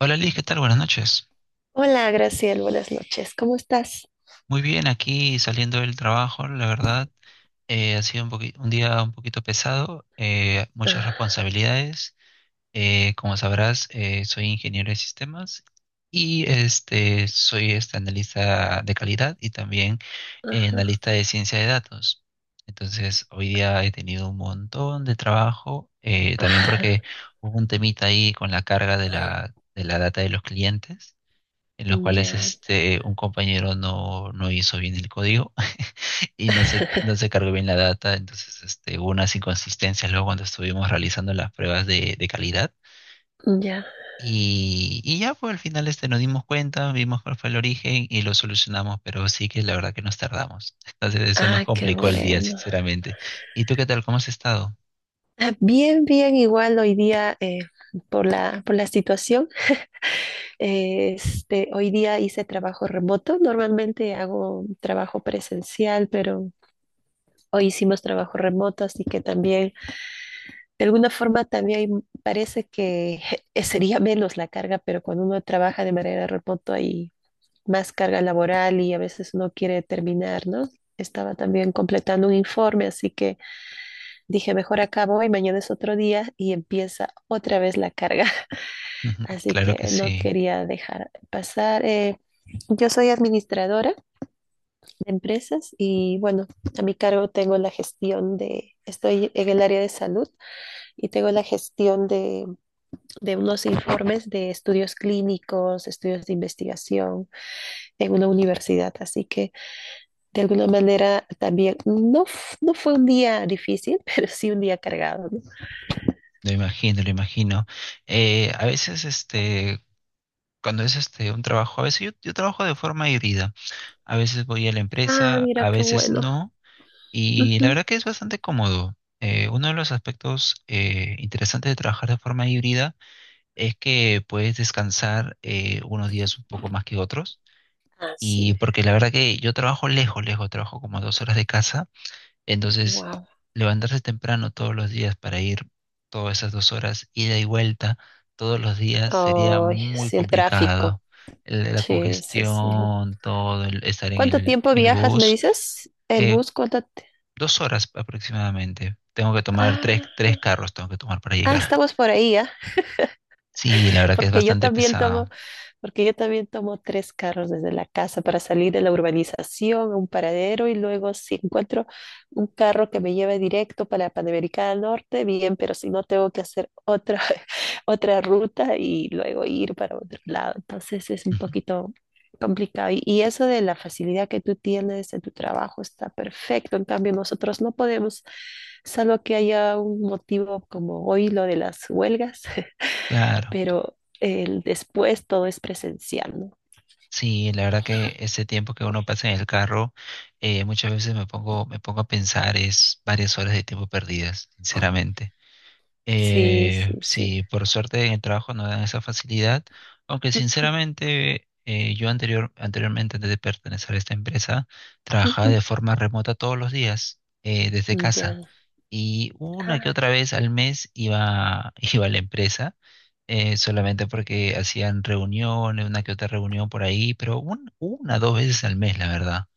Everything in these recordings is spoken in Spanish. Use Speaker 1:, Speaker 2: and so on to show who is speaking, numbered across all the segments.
Speaker 1: Hola Liz, ¿qué tal? Buenas noches.
Speaker 2: Hola, Graciel, buenas noches. ¿Cómo estás?
Speaker 1: Muy bien, aquí saliendo del trabajo, la verdad, ha sido un día un poquito pesado, muchas responsabilidades. Como sabrás, soy ingeniero de sistemas y soy analista de calidad y también
Speaker 2: Ah,
Speaker 1: analista de ciencia de datos. Entonces, hoy día he tenido un montón de trabajo, también
Speaker 2: ah,
Speaker 1: porque hubo un temita ahí con la carga de la data de los clientes. En los cuales
Speaker 2: ya,
Speaker 1: un compañero no hizo bien el código y no se cargó bien la data, entonces hubo unas inconsistencias luego cuando estuvimos realizando las pruebas de calidad.
Speaker 2: ya.
Speaker 1: Y ya, pues al final nos dimos cuenta, vimos cuál fue el origen y lo solucionamos, pero sí que la verdad que nos tardamos. Entonces eso nos
Speaker 2: Ah, qué
Speaker 1: complicó el día,
Speaker 2: bueno.
Speaker 1: sinceramente. ¿Y tú qué tal? ¿Cómo has estado?
Speaker 2: Ah, bien, bien, igual hoy día, por la situación, hoy día hice trabajo remoto. Normalmente hago trabajo presencial, pero hoy hicimos trabajo remoto, así que también, de alguna forma, también parece que sería menos la carga, pero cuando uno trabaja de manera remota más carga laboral y a veces no quiere terminar, ¿no? Estaba también completando un informe, así que dije, mejor acabo y mañana es otro día y empieza otra vez la carga.
Speaker 1: Ujú.
Speaker 2: Así
Speaker 1: Claro que
Speaker 2: que no
Speaker 1: sí,
Speaker 2: quería dejar pasar. Yo soy administradora de empresas y bueno, a mi cargo tengo la gestión de, estoy en el área de salud y tengo la gestión de unos informes de estudios clínicos, estudios de investigación en una universidad. Así que de alguna manera también, no, no fue un día difícil, pero sí un día cargado, ¿no?
Speaker 1: lo imagino, lo imagino. Eh, a veces este, Cuando es un trabajo, a veces yo trabajo de forma híbrida. A veces voy a la
Speaker 2: Ah,
Speaker 1: empresa,
Speaker 2: mira
Speaker 1: a
Speaker 2: qué
Speaker 1: veces
Speaker 2: bueno.
Speaker 1: no. Y la
Speaker 2: Ujú.
Speaker 1: verdad que es bastante cómodo. Uno de los aspectos interesantes de trabajar de forma híbrida es que puedes descansar unos días un poco más que otros.
Speaker 2: Así
Speaker 1: Y
Speaker 2: es.
Speaker 1: porque la verdad que yo trabajo lejos, lejos, trabajo como a dos horas de casa. Entonces,
Speaker 2: Wow.
Speaker 1: levantarse temprano todos los días para ir todas esas dos horas, ida y vuelta, todos los días sería
Speaker 2: Ay,
Speaker 1: muy
Speaker 2: sí, el tráfico.
Speaker 1: complicado. La
Speaker 2: Sí, sí, sí.
Speaker 1: congestión, todo, el estar en
Speaker 2: ¿Cuánto tiempo
Speaker 1: en el
Speaker 2: viajas, me
Speaker 1: bus,
Speaker 2: dices? ¿El
Speaker 1: eh,
Speaker 2: bus? ¿Cuánto?
Speaker 1: dos horas aproximadamente. Tengo que tomar
Speaker 2: Ah,
Speaker 1: tres carros, tengo que tomar para
Speaker 2: ah,
Speaker 1: llegar.
Speaker 2: estamos por ahí, ¿ah?
Speaker 1: Sí, la verdad que es
Speaker 2: Porque yo
Speaker 1: bastante
Speaker 2: también
Speaker 1: pesado.
Speaker 2: tomo Porque yo también tomo tres carros desde la casa para salir de la urbanización a un paradero y luego si encuentro un carro que me lleve directo para la Panamericana Norte, bien, pero si no tengo que hacer otra, otra ruta y luego ir para otro lado. Entonces es un
Speaker 1: Ujú.
Speaker 2: poquito complicado. Y eso de la facilidad que tú tienes en tu trabajo está perfecto. En cambio, nosotros no podemos, salvo que haya un motivo como hoy lo de las huelgas,
Speaker 1: Claro.
Speaker 2: pero el después todo es presencial, ¿no?
Speaker 1: Sí, la verdad que ese tiempo que uno pasa en el carro, muchas veces me pongo a pensar, es varias horas de tiempo perdidas, sinceramente.
Speaker 2: Sí, sí, sí.
Speaker 1: Sí, por suerte en el trabajo no dan esa facilidad, aunque sinceramente yo anteriormente, antes de pertenecer a esta empresa, trabajaba
Speaker 2: Ujú.
Speaker 1: de forma remota todos los días desde casa
Speaker 2: Ya.
Speaker 1: y una que
Speaker 2: Ah,
Speaker 1: otra vez al mes iba a la empresa solamente porque hacían reuniones, una que otra reunión por ahí, pero dos veces al mes, la verdad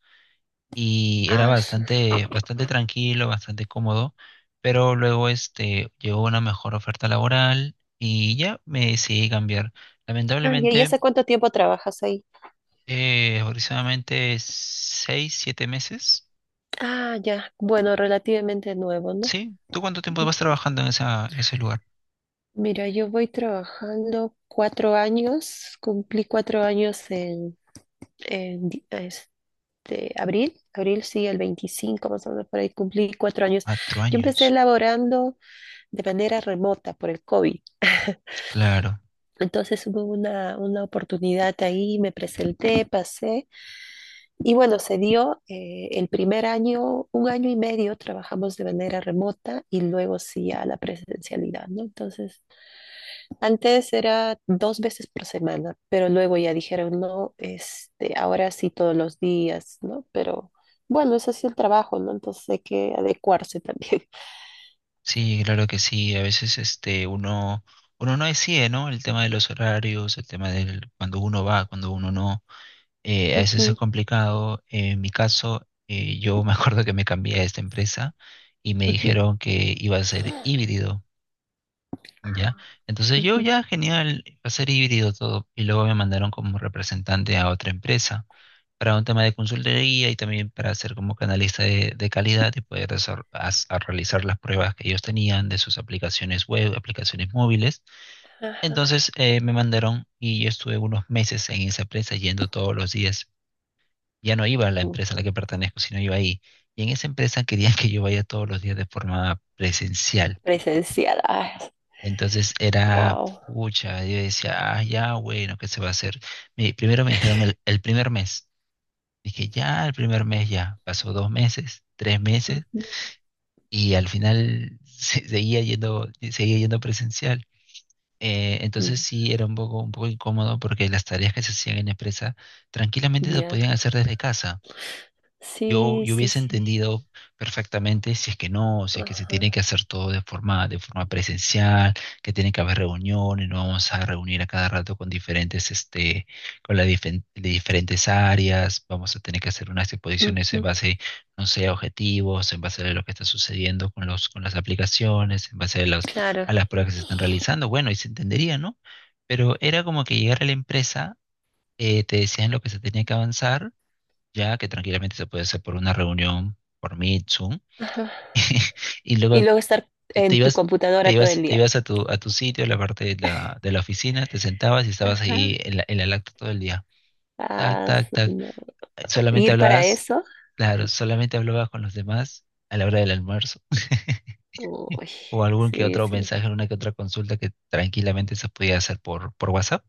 Speaker 1: y era
Speaker 2: ah,
Speaker 1: bastante, bastante tranquilo, bastante cómodo, pero luego llegó una mejor oferta laboral y ya me decidí cambiar.
Speaker 2: Ah, ¿y
Speaker 1: Lamentablemente,
Speaker 2: hace cuánto tiempo trabajas ahí?
Speaker 1: aproximadamente seis, siete meses.
Speaker 2: Ah, ya. Bueno, relativamente nuevo, ¿no?
Speaker 1: Sí, ¿tú cuánto tiempo vas trabajando en ese lugar?
Speaker 2: Mira, yo voy trabajando cuatro años, cumplí cuatro años en, en di- este, abril, abril sí, el 25 más o menos por ahí, cumplí cuatro años.
Speaker 1: Cuatro
Speaker 2: Yo empecé
Speaker 1: años.
Speaker 2: laborando de manera remota por el COVID.
Speaker 1: Claro,
Speaker 2: Entonces hubo una oportunidad ahí, me presenté, pasé y bueno, se dio el primer año, un año y medio trabajamos de manera remota y luego sí a la presencialidad, ¿no? Entonces, antes era dos veces por semana, pero luego ya dijeron, no, este, ahora sí todos los días, ¿no? Pero bueno, es así el trabajo, ¿no? Entonces hay que adecuarse también.
Speaker 1: sí, claro que sí. A veces uno no decide, ¿no? El tema de los horarios, el tema del cuando uno va, cuando uno no. A veces es
Speaker 2: Ujú,
Speaker 1: complicado. En mi caso, yo me acuerdo que me cambié a esta empresa y me
Speaker 2: ujú,
Speaker 1: dijeron que iba a ser híbrido, ¿ya? Entonces yo
Speaker 2: ujú.
Speaker 1: ya, genial, va a ser híbrido todo. Y luego me mandaron como representante a otra empresa para un tema de consultoría y también para ser como canalista de calidad y poder desar- as- a realizar las pruebas que ellos tenían de sus aplicaciones web, aplicaciones móviles.
Speaker 2: Ajá.
Speaker 1: Entonces me mandaron y yo estuve unos meses en esa empresa yendo todos los días, ya no iba a la empresa a la que pertenezco, sino iba ahí. Y en esa empresa querían que yo vaya todos los días de forma presencial.
Speaker 2: Presencial,
Speaker 1: Entonces era
Speaker 2: wow.
Speaker 1: pucha, yo decía, ah, ya, bueno, ¿qué se va a hacer? Primero me dijeron el primer mes. Dije, ya, el primer mes ya. Pasó dos meses, tres meses, y al final seguía seguía yendo presencial. Entonces sí era un poco incómodo porque las tareas que se hacían en la empresa tranquilamente se
Speaker 2: Ya.
Speaker 1: podían hacer desde casa.
Speaker 2: Sí,
Speaker 1: Yo
Speaker 2: sí,
Speaker 1: hubiese
Speaker 2: sí.
Speaker 1: entendido perfectamente si es que no, si es que se
Speaker 2: Ajá.
Speaker 1: tiene que hacer todo de forma presencial, que tiene que haber reuniones, nos vamos a reunir a cada rato con diferentes, con las difen- de diferentes áreas, vamos a tener que hacer unas exposiciones en
Speaker 2: Ujú.
Speaker 1: base, no sé, a objetivos, en base a lo que está sucediendo con con las aplicaciones, en base a
Speaker 2: Claro.
Speaker 1: a las pruebas que se están realizando. Bueno, y se entendería, ¿no? Pero era como que llegar a la empresa, te decían lo que se tenía que avanzar ya que tranquilamente se puede hacer por una reunión, por Meet, Zoom,
Speaker 2: Ajá.
Speaker 1: y
Speaker 2: Y
Speaker 1: luego
Speaker 2: luego estar
Speaker 1: te
Speaker 2: en tu computadora todo el
Speaker 1: te
Speaker 2: día.
Speaker 1: ibas a a tu sitio, a la parte de la oficina, te sentabas y estabas ahí
Speaker 2: Ajá.
Speaker 1: en en la lacta todo el día. Tac,
Speaker 2: Ah,
Speaker 1: tac, tac.
Speaker 2: no.
Speaker 1: Solamente
Speaker 2: Ir para
Speaker 1: hablabas,
Speaker 2: eso.
Speaker 1: claro, solamente hablabas con los demás a la hora del almuerzo.
Speaker 2: Uy,
Speaker 1: O algún que
Speaker 2: sí,
Speaker 1: otro
Speaker 2: sí.
Speaker 1: mensaje, una que otra consulta que tranquilamente se podía hacer por WhatsApp.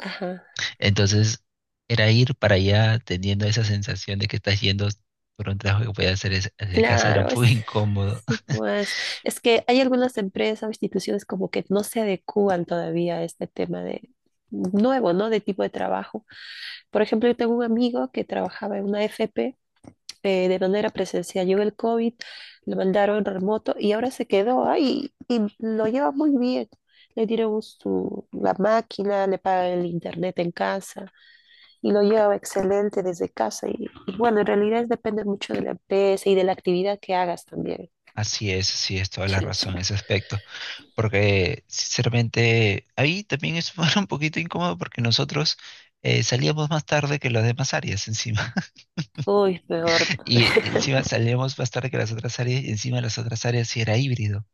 Speaker 2: Ajá.
Speaker 1: Entonces, era ir para allá teniendo esa sensación de que estás yendo por un trabajo que podías hacer desde casa, era
Speaker 2: Claro, es,
Speaker 1: muy incómodo.
Speaker 2: sí, pues. Es que hay algunas empresas o instituciones como que no se adecúan todavía a este tema de nuevo, ¿no? De tipo de trabajo. Por ejemplo, yo tengo un amigo que trabajaba en una FP de manera presencial. Llegó el COVID, lo mandaron remoto y ahora se quedó ahí y lo lleva muy bien. Le dieron su, la máquina, le pagan el internet en casa y lo lleva excelente desde casa. Y bueno, en realidad depende mucho de la empresa y de la actividad que hagas también.
Speaker 1: Así es, sí, es toda la
Speaker 2: Sí, sí.
Speaker 1: razón en ese aspecto, porque sinceramente ahí también es un poquito incómodo porque nosotros salíamos más tarde que las demás áreas encima,
Speaker 2: Uy, peor.
Speaker 1: y encima salíamos más tarde que las otras áreas, y encima las otras áreas sí era híbrido,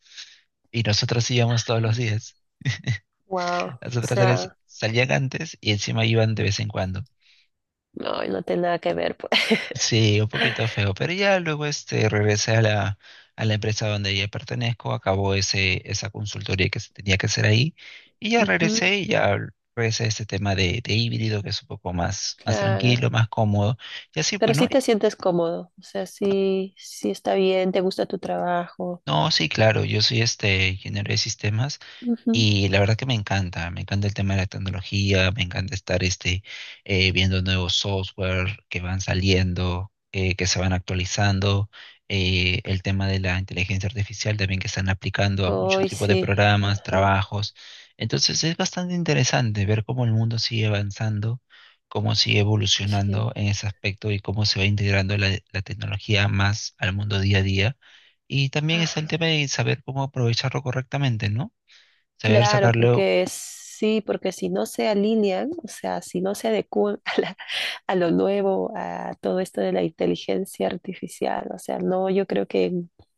Speaker 1: y nosotros íbamos todos los días.
Speaker 2: Wow.
Speaker 1: Las
Speaker 2: O
Speaker 1: otras áreas
Speaker 2: sea,
Speaker 1: salían antes y encima iban de vez en cuando.
Speaker 2: no, no tiene nada que ver, pues.
Speaker 1: Sí, un poquito feo, pero ya luego regresé a a la empresa donde ya pertenezco, acabó esa consultoría que se tenía que hacer ahí
Speaker 2: Ujú,
Speaker 1: y ya regresé a este tema de híbrido que es más
Speaker 2: claro.
Speaker 1: tranquilo, más cómodo. Y así, pues,
Speaker 2: Pero
Speaker 1: ¿no?
Speaker 2: sí te sientes cómodo. O sea, sí, sí está bien, te gusta tu trabajo.
Speaker 1: No, sí, claro, yo soy ingeniero de sistemas.
Speaker 2: Ujú.
Speaker 1: Y la verdad que me encanta el tema de la tecnología, me encanta estar viendo nuevos software que van saliendo, que se van actualizando, el tema de la inteligencia artificial también que están aplicando a muchos
Speaker 2: Hoy
Speaker 1: tipos de
Speaker 2: sí,
Speaker 1: programas,
Speaker 2: ajá,
Speaker 1: trabajos. Entonces es bastante interesante ver cómo el mundo sigue avanzando, cómo sigue evolucionando
Speaker 2: sí.
Speaker 1: en ese aspecto y cómo se va integrando la tecnología más al mundo día a día. Y también es el
Speaker 2: Ajá.
Speaker 1: tema de saber cómo aprovecharlo correctamente, ¿no? Saber
Speaker 2: Claro,
Speaker 1: sacarlo,
Speaker 2: porque sí, porque si no se alinean, o sea, si no se adecúan a lo nuevo, a todo esto de la inteligencia artificial, o sea, no, yo creo que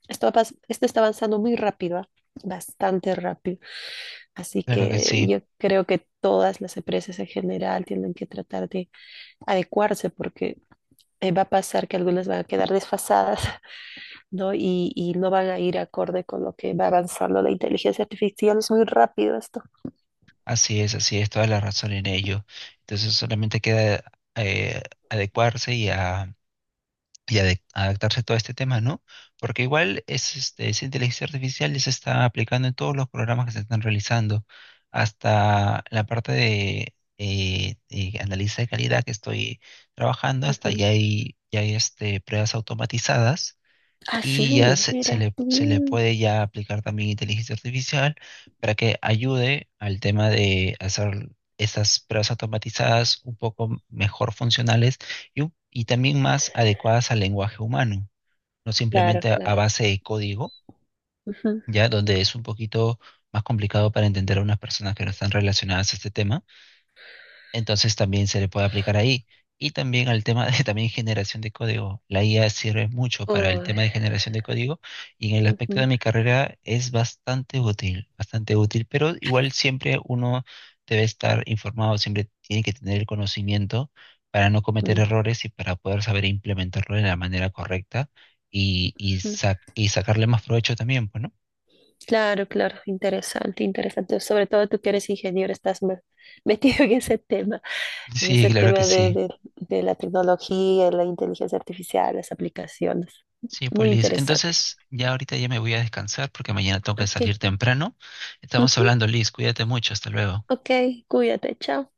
Speaker 2: esto, esto está avanzando muy rápido, ¿ah? Bastante rápido, así
Speaker 1: claro que
Speaker 2: que
Speaker 1: sí,
Speaker 2: yo creo que todas las empresas en general tienen que tratar de adecuarse porque va a pasar que algunas van a quedar desfasadas, ¿no? Y no van a ir acorde con lo que va avanzando la inteligencia artificial. Es muy rápido esto.
Speaker 1: así es, toda la razón en ello. Entonces solamente queda eh, adecuarse y adaptarse a todo este tema, ¿no? Porque igual es, esa inteligencia artificial ya se está aplicando en todos los programas que se están realizando, hasta la parte de análisis de calidad que estoy trabajando, hasta
Speaker 2: Ujú.
Speaker 1: ya hay pruebas automatizadas
Speaker 2: Ah,
Speaker 1: y
Speaker 2: sí, mira.
Speaker 1: se le
Speaker 2: Mm,
Speaker 1: puede ya aplicar también inteligencia artificial para que ayude al tema de hacer estas pruebas automatizadas un poco mejor funcionales y también más adecuadas al lenguaje humano, no
Speaker 2: claro,
Speaker 1: simplemente a
Speaker 2: claro.
Speaker 1: base de código,
Speaker 2: Ujú.
Speaker 1: ya donde es un poquito más complicado para entender a unas personas que no están relacionadas a este tema, entonces también se le puede aplicar ahí. Y también al tema de también generación de código. La IA sirve mucho para el
Speaker 2: Uy,
Speaker 1: tema de generación de código y en el aspecto de
Speaker 2: ujú,
Speaker 1: mi carrera es bastante útil, pero igual siempre uno debe estar informado, siempre tiene que tener el conocimiento para no cometer errores y para poder saber implementarlo de la manera correcta
Speaker 2: ujú.
Speaker 1: y sacarle más provecho también, pues, ¿no?
Speaker 2: Claro, claro, interesante, interesante. Sobre todo tú que eres ingeniero, estás metido en
Speaker 1: Sí,
Speaker 2: ese
Speaker 1: claro que
Speaker 2: tema
Speaker 1: sí.
Speaker 2: de la tecnología, la inteligencia artificial, las aplicaciones.
Speaker 1: Sí, pues
Speaker 2: Muy
Speaker 1: Liz.
Speaker 2: interesante.
Speaker 1: Entonces, ya ahorita ya me voy a descansar porque mañana tengo que
Speaker 2: Ok,
Speaker 1: salir temprano. Estamos
Speaker 2: ujú,
Speaker 1: hablando, Liz. Cuídate mucho. Hasta luego.
Speaker 2: ok, cuídate, chao.